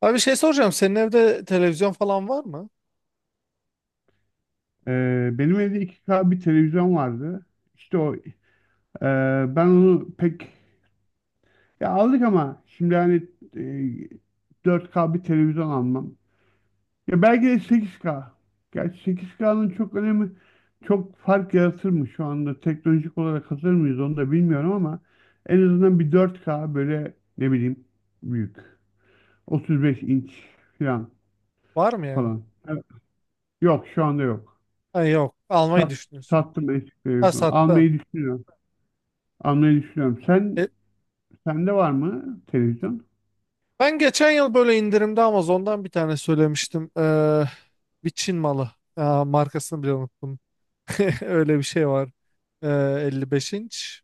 Abi bir şey soracağım. Senin evde televizyon falan var mı? Benim evde 2K bir televizyon vardı. İşte o ben onu pek, ya aldık ama şimdi hani 4K bir televizyon almam. Ya belki de 8K. Gerçi 8K'nın çok önemi, çok fark yaratır mı, şu anda teknolojik olarak hazır mıyız onu da bilmiyorum ama en azından bir 4K, böyle ne bileyim, büyük. 35 inç falan Var mı yani? falan. Evet. Yok, şu anda yok. Ha, yok. Almayı Sat, düşünüyorsun. sattım eski Ha televizyonu. sattın. Almayı düşünüyorum. Almayı düşünüyorum. Sen E, sende var mı televizyon? Ben geçen yıl böyle indirimde Amazon'dan bir tane söylemiştim. Bir Çin malı. Markasını bile unuttum. Öyle bir şey var. Ee, 55 inç.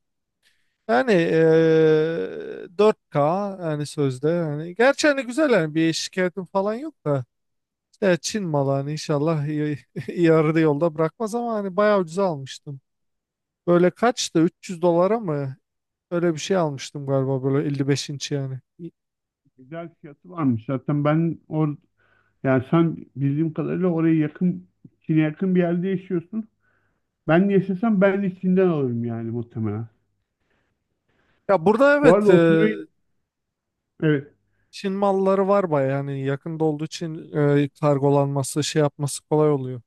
Yani 4K yani sözde. Yani, gerçi hani güzel yani bir şikayetim falan yok da. İşte Çin malı hani inşallah iyi, iyi arada yolda bırakmaz ama hani bayağı ucuza almıştım. Böyle kaçtı? 300 dolara mı? Öyle bir şey almıştım galiba böyle 55 inç yani. Güzel fiyatı varmış. Zaten ben yani sen, bildiğim kadarıyla, oraya yakın, Çin'e yakın bir yerde yaşıyorsun. Ben yaşasam ben de Çin'den alırım yani muhtemelen. Ya burada Bu evet, arada 35 evet, Çin malları var baya yani yakında olduğu için kargolanması şey yapması kolay oluyor.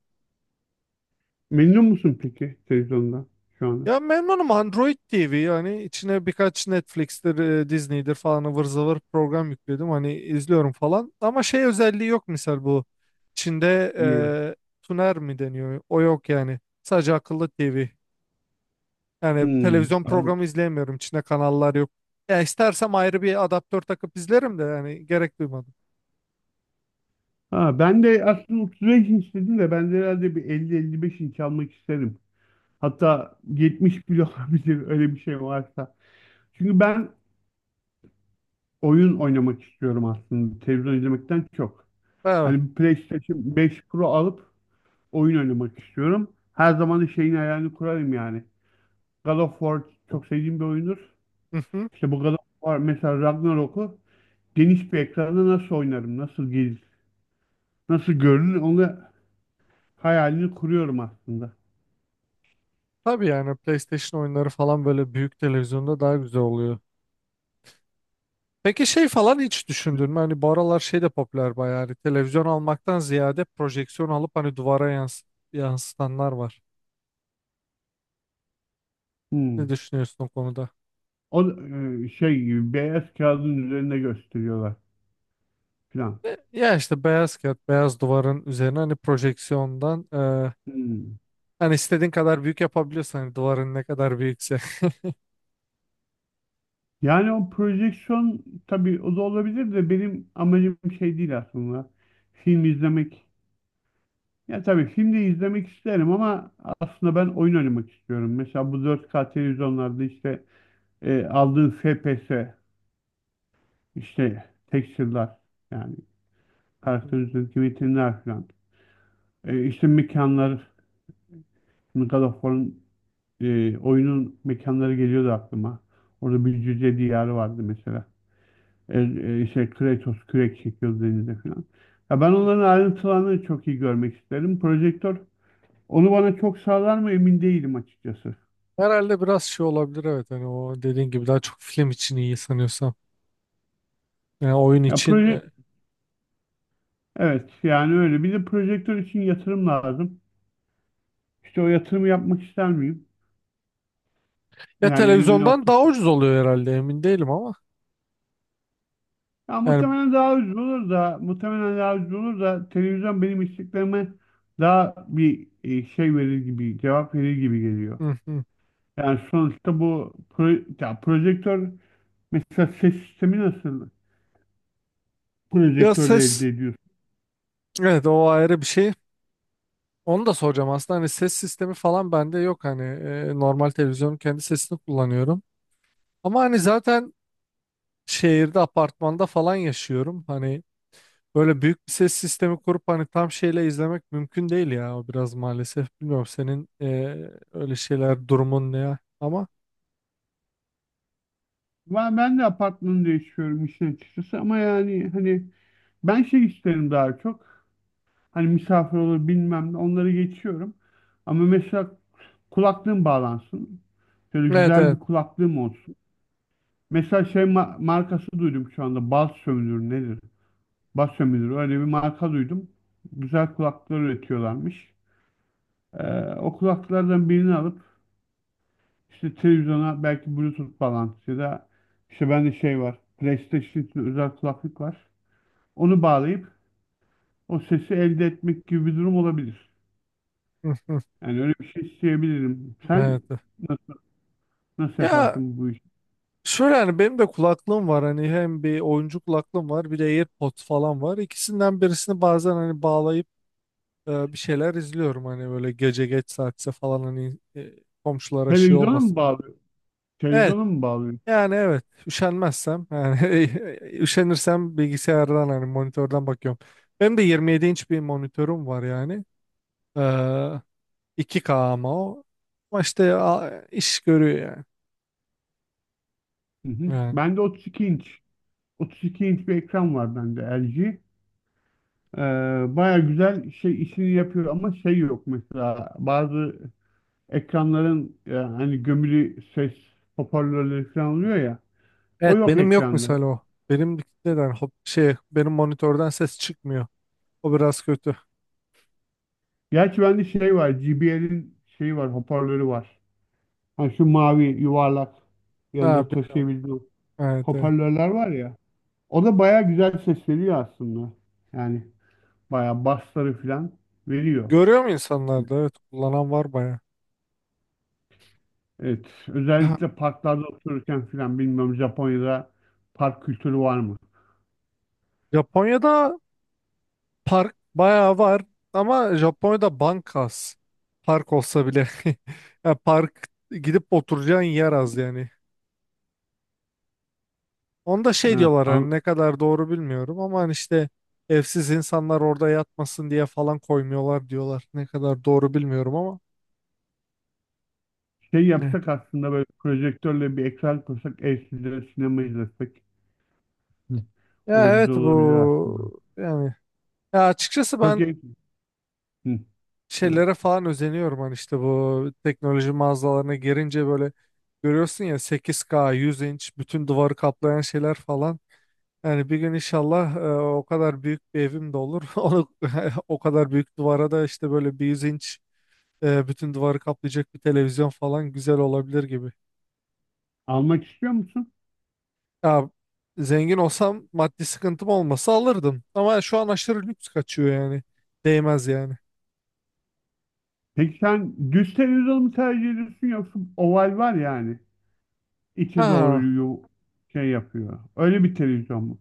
memnun musun peki televizyondan şu anda? Ya memnunum, Android TV yani, içine birkaç Netflix'tir, Disney'dir falan ıvır zıvır program yükledim hani izliyorum falan. Ama şey özelliği yok misal, bu Çin'de Evet. Tuner mi deniyor o yok yani, sadece akıllı TV. Yani Hmm. televizyon programı izleyemiyorum. İçinde kanallar yok. Ya istersem ayrı bir adaptör takıp izlerim de yani gerek duymadım. Ha, ben de aslında 35 inç dedim de ben de herhalde bir 50-55 inç almak isterim. Hatta 70 bile olabilir, öyle bir şey varsa. Çünkü ben oyun oynamak istiyorum aslında, televizyon izlemekten çok. Evet. Hani PlayStation 5 Pro alıp oyun oynamak istiyorum. Her zaman da şeyin hayalini kurarım yani. God of War çok sevdiğim bir oyundur. Hı hı. İşte bu God of War mesela, Ragnarok'u geniş bir ekranda nasıl oynarım, nasıl gelir, nasıl görünür, onu hayalini kuruyorum aslında. Tabii yani PlayStation oyunları falan böyle büyük televizyonda daha güzel oluyor. Peki şey falan hiç düşündün mü? Hani bu aralar şey de popüler bayağı. Hani televizyon almaktan ziyade projeksiyon alıp hani duvara yansıtanlar var. Ne Hmm. düşünüyorsun o konuda? O şey gibi, beyaz kağıdın üzerinde gösteriyorlar falan. Ya işte beyaz kağıt, beyaz duvarın üzerine hani projeksiyondan Hmm. hani istediğin kadar büyük yapabiliyorsan, hani duvarın ne kadar büyükse. Yani o projeksiyon, tabii o da olabilir de, benim amacım şey değil aslında. Film izlemek. Ya tabii film de izlemek isterim ama aslında ben oyun oynamak istiyorum. Mesela bu 4K televizyonlarda işte aldığın FPS, işte texture'lar, yani karakter üzerindeki metinler falan. İşte mekanlar, God of War'ın oyunun mekanları geliyordu aklıma. Orada bir cüce diyarı vardı mesela. İşte Kratos kürek çekiyor denize falan. Ya ben onların ayrıntılarını çok iyi görmek isterim. Projektör onu bana çok sağlar mı, emin değilim açıkçası. Herhalde biraz şey olabilir, evet, hani o dediğin gibi daha çok film için iyi sanıyorsam. Yani oyun Ya için evet, yani öyle. Bir de projektör için yatırım lazım. İşte o yatırımı yapmak ister miyim? ya Yani evimin televizyondan daha ortası. ucuz oluyor herhalde, emin değilim ama. Ya Yani muhtemelen daha ucuz olur da televizyon benim isteklerime daha bir şey verir gibi, cevap verir gibi geliyor. hı hı. Yani sonuçta bu ya projektör. Mesela ses sistemi nasıl Ya projektörle ses, elde ediyorsun? evet, o ayrı bir şey. Onu da soracağım aslında, hani ses sistemi falan bende yok, hani normal televizyonun kendi sesini kullanıyorum. Ama hani zaten şehirde, apartmanda falan yaşıyorum. Hani böyle büyük bir ses sistemi kurup hani tam şeyle izlemek mümkün değil ya. O biraz maalesef. Bilmiyorum senin öyle şeyler, durumun ne ya. Ama Ben de apartmanı değiştiriyorum işin açıkçası ama yani hani, ben şey isterim daha çok. Hani misafir olur bilmem ne, onları geçiyorum. Ama mesela kulaklığım bağlansın. Şöyle evet, güzel evet. bir kulaklığım olsun. Mesela şey markası duydum şu anda. Bas sömürür nedir? Bas sömürür, öyle bir marka duydum. Güzel kulaklıklar üretiyorlarmış. O kulaklıklardan birini alıp, İşte televizyona belki Bluetooth falan, ya da işte bende şey var, PlayStation için özel kulaklık var, onu bağlayıp o sesi elde etmek gibi bir durum olabilir. Hı, hı. Yani öyle bir şey isteyebilirim. Evet, Sen evet. na- nasıl Ya yaparsın bu işi? şöyle, hani benim de kulaklığım var. Hani hem bir oyuncu kulaklığım var, bir de AirPods falan var. İkisinden birisini bazen hani bağlayıp bir şeyler izliyorum. Hani böyle gece geç saatse falan hani komşulara şey Televizyona mı olmasın diye. bağlıyor? Evet. Televizyona mı bağlıyor? Yani evet, üşenmezsem yani üşenirsem bilgisayardan, hani monitörden bakıyorum. Benim de 27 inç bir monitörüm var yani. Ee, 2K ama o. Ama işte iş görüyor yani. Hı hı. Yani. Bende 32 inç. 32 inç bir ekran var bende, LG. Ee, Baya güzel şey, işini yapıyor ama şey yok mesela, bazı ekranların hani gömülü ses hoparlörleri falan oluyor ya, o Evet, yok benim yok ekranda. mesela o. Benim neden hop, şey, benim monitörden ses çıkmıyor. O biraz kötü. Gerçi bende şey var, JBL'in şeyi var, hoparlörü var. Hani şu mavi yuvarlak, Ha, yanında biliyorum, taşıyabildiği biliyorum. Evet, evet. hoparlörler var ya. O da baya güzel ses veriyor aslında. Yani baya bassları falan veriyor. Görüyor mu insanlar da? Evet, kullanan var baya. Evet, Ha. özellikle parklarda otururken falan. Bilmiyorum, Japonya'da park kültürü var mı? Japonya'da, park bayağı var ama Japonya'da bank az. Park olsa bile. Ya park gidip oturacağın yer az yani. Onda şey Ha, diyorlar, hani ne kadar doğru bilmiyorum ama, hani işte evsiz insanlar orada yatmasın diye falan koymuyorlar diyorlar. Ne kadar doğru bilmiyorum ama. şey Ne? yapsak aslında, böyle projektörle bir ekran kursak, evsizlere sinema izlesek. Hı. O Ya da güzel evet, olabilir aslında. bu yani, ya açıkçası Çok ben iyi. Hı, evet. şeylere falan özeniyorum, hani işte bu teknoloji mağazalarına girince böyle görüyorsun ya, 8K 100 inç bütün duvarı kaplayan şeyler falan. Yani bir gün inşallah o kadar büyük bir evim de olur. Onu o kadar büyük duvara da işte böyle bir yüz inç bütün duvarı kaplayacak bir televizyon falan güzel olabilir gibi. Almak istiyor musun? Ya zengin olsam, maddi sıkıntım olmasa alırdım. Ama şu an aşırı lüks kaçıyor yani. Değmez yani. Peki sen düz televizyon mu tercih ediyorsun, yoksa oval var yani, içe doğru Ha. Şey yapıyor, öyle bir televizyon mu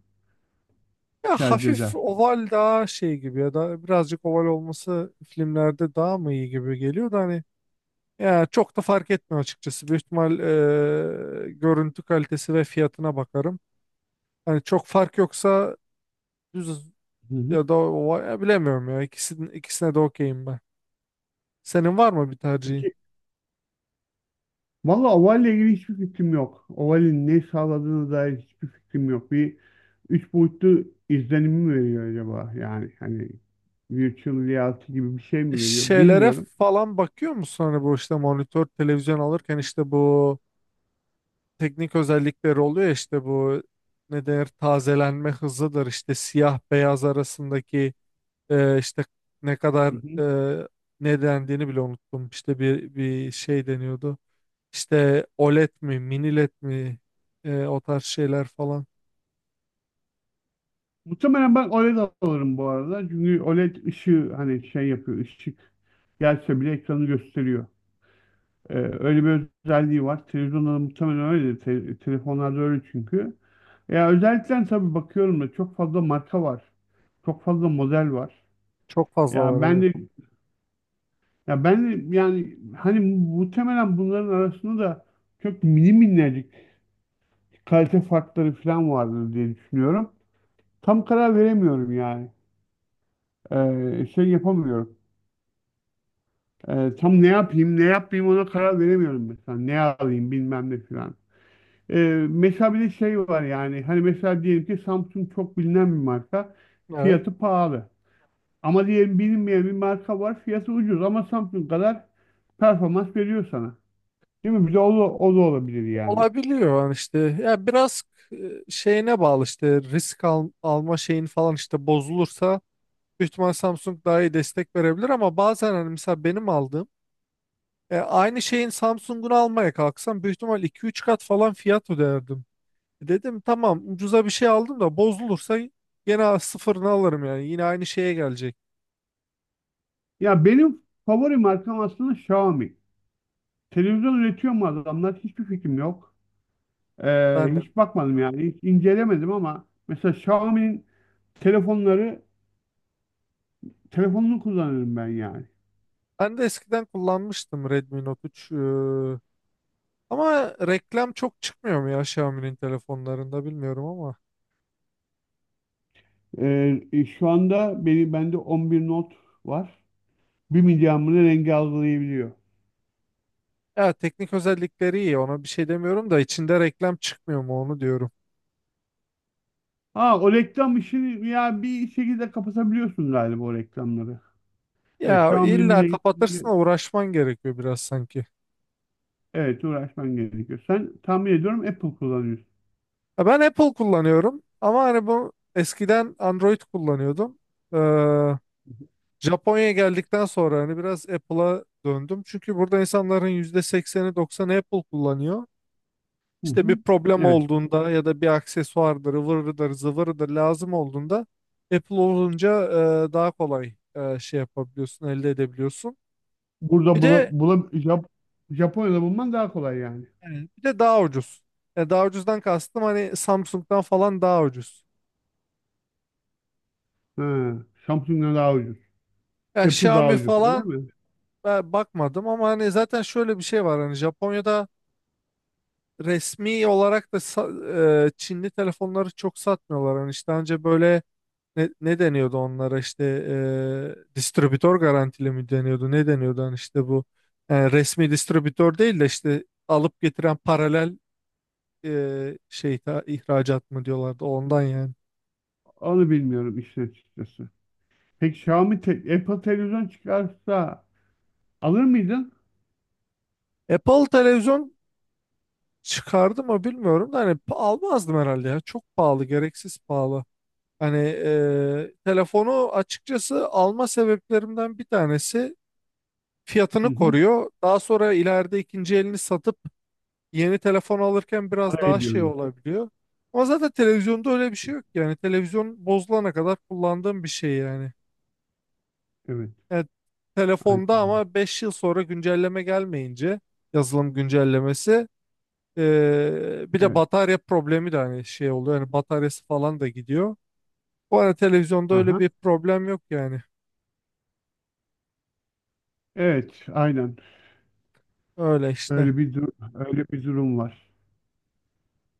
Ya tercih hafif edersin? oval daha şey gibi ya da birazcık oval olması filmlerde daha mı iyi gibi geliyor da hani, ya çok da fark etmiyor açıkçası. Büyük ihtimal görüntü kalitesi ve fiyatına bakarım. Yani çok fark yoksa düz, Hı ya da ya bilemiyorum ya. İkisinin, ikisine de okeyim ben. Senin var mı bir hı. tercihin? Valla Oval'le ilgili hiçbir fikrim yok. Oval'in ne sağladığına dair hiçbir fikrim yok. Bir üç boyutlu izlenim mi veriyor acaba? Yani hani virtual reality gibi bir şey mi veriyor Şeylere bilmiyorum. falan bakıyor musun? Hani bu işte monitör, televizyon alırken işte bu teknik özellikleri oluyor ya, işte bu ne denir, tazelenme hızıdır, işte siyah beyaz arasındaki işte ne kadar, Hı hı. e, ne dendiğini bile unuttum. İşte bir şey deniyordu. İşte OLED mi, mini LED mi, o tarz şeyler falan. Muhtemelen ben OLED alırım bu arada. Çünkü OLED ışığı hani şey yapıyor, ışık gelse bile ekranı gösteriyor. Öyle bir özelliği var. Televizyonda da muhtemelen öyle. Telefonlarda öyle çünkü. Ya özellikle tabii bakıyorum da, çok fazla marka var. Çok fazla model var. Çok fazla var, Ya ben evet. de Ya ben yani hani, muhtemelen bunların arasında da çok mini minnacık kalite farkları falan vardır diye düşünüyorum. Tam karar veremiyorum yani. Şey yapamıyorum. Tam ne yapayım, ne yapmayayım, ona karar veremiyorum mesela. Ne alayım bilmem ne falan. Mesela bir de şey var yani. Hani mesela diyelim ki Samsung çok bilinen bir marka. Evet. Fiyatı pahalı. Ama diyelim bilinmeyen bir marka var. Fiyatı ucuz ama Samsung kadar performans veriyor sana. Değil mi? Bir de o da olabilir yani. Olabiliyor yani işte. Ya biraz e, şeyine bağlı, işte risk alma şeyin falan, işte bozulursa büyük ihtimal Samsung daha iyi destek verebilir ama bazen hani mesela benim aldığım aynı şeyin Samsung'unu almaya kalksam büyük ihtimal iki üç kat falan fiyat öderdim. Dedim tamam, ucuza bir şey aldım da bozulursa yine sıfırını alırım yani, yine aynı şeye gelecek. Ya benim favori markam aslında Xiaomi. Televizyon üretiyor mu adamlar? Hiçbir fikrim yok. Ben de, Hiç bakmadım yani. Hiç incelemedim ama mesela Xiaomi'nin telefonları telefonunu kullanırım ben yani. ben de eskiden kullanmıştım, Redmi Note 3. Ama reklam çok çıkmıyor mu ya Xiaomi'nin telefonlarında, bilmiyorum ama. Şu anda bende 11 Note var. 1 milyamını rengi algılayabiliyor. Ya teknik özellikleri iyi, ona bir şey demiyorum da içinde reklam çıkmıyor mu onu diyorum. Ha, o reklam işini ya bir şekilde kapatabiliyorsun galiba, o reklamları. Evet, Ya Xiaomi'nin illa kapatırsın, bir uğraşman gerekiyor biraz sanki. evet, uğraşman gerekiyor. Sen, tahmin ediyorum, Apple kullanıyorsun. Ya ben Apple kullanıyorum ama hani bu eskiden Android kullanıyordum. Ee, Japonya'ya geldikten sonra hani biraz Apple'a döndüm. Çünkü burada insanların %80'i 90'ı Apple kullanıyor. Hı hı. İşte bir problem Evet. olduğunda ya da bir aksesuardır, ıvırıdır, zıvırıdır lazım olduğunda Apple olunca daha kolay şey yapabiliyorsun, elde edebiliyorsun. Bir Burada de Japonya'da bulman daha kolay yani. yani, bir de daha ucuz. Yani daha ucuzdan kastım hani Samsung'dan falan daha ucuz. Ha, Samsung'dan daha ucuz. Yani Apple daha Xiaomi ucuz. Öyle falan mi? ben bakmadım ama hani zaten şöyle bir şey var, hani Japonya'da resmi olarak da Çinli telefonları çok satmıyorlar. Hani işte önce böyle ne deniyordu onlara, işte distribütör garantili mi deniyordu, ne deniyordu, hani işte bu resmi distribütör değil de işte alıp getiren paralel şey ihracat mı diyorlardı, ondan yani. Onu bilmiyorum işin açıkçası. Peki Xiaomi Apple televizyon çıkarsa alır mıydın? Apple televizyon çıkardı mı bilmiyorum da hani almazdım herhalde, ya çok pahalı, gereksiz pahalı. Hani telefonu açıkçası alma sebeplerimden bir tanesi Hı fiyatını hı. koruyor. Daha sonra ileride ikinci elini satıp yeni telefon alırken biraz Para daha şey ediyordu. olabiliyor. Ama zaten televizyonda öyle bir şey yok yani. Televizyon bozulana kadar kullandığım bir şey yani. Evet. Evet, Aynen, telefonda öyle. ama 5 yıl sonra güncelleme gelmeyince, yazılım güncellemesi, bir de Evet. batarya problemi de hani şey oluyor. Yani bataryası falan da gidiyor. Bu arada televizyonda öyle Aha. bir problem yok yani. Evet. Aynen. Öyle işte. Öyle bir dur öyle bir durum var.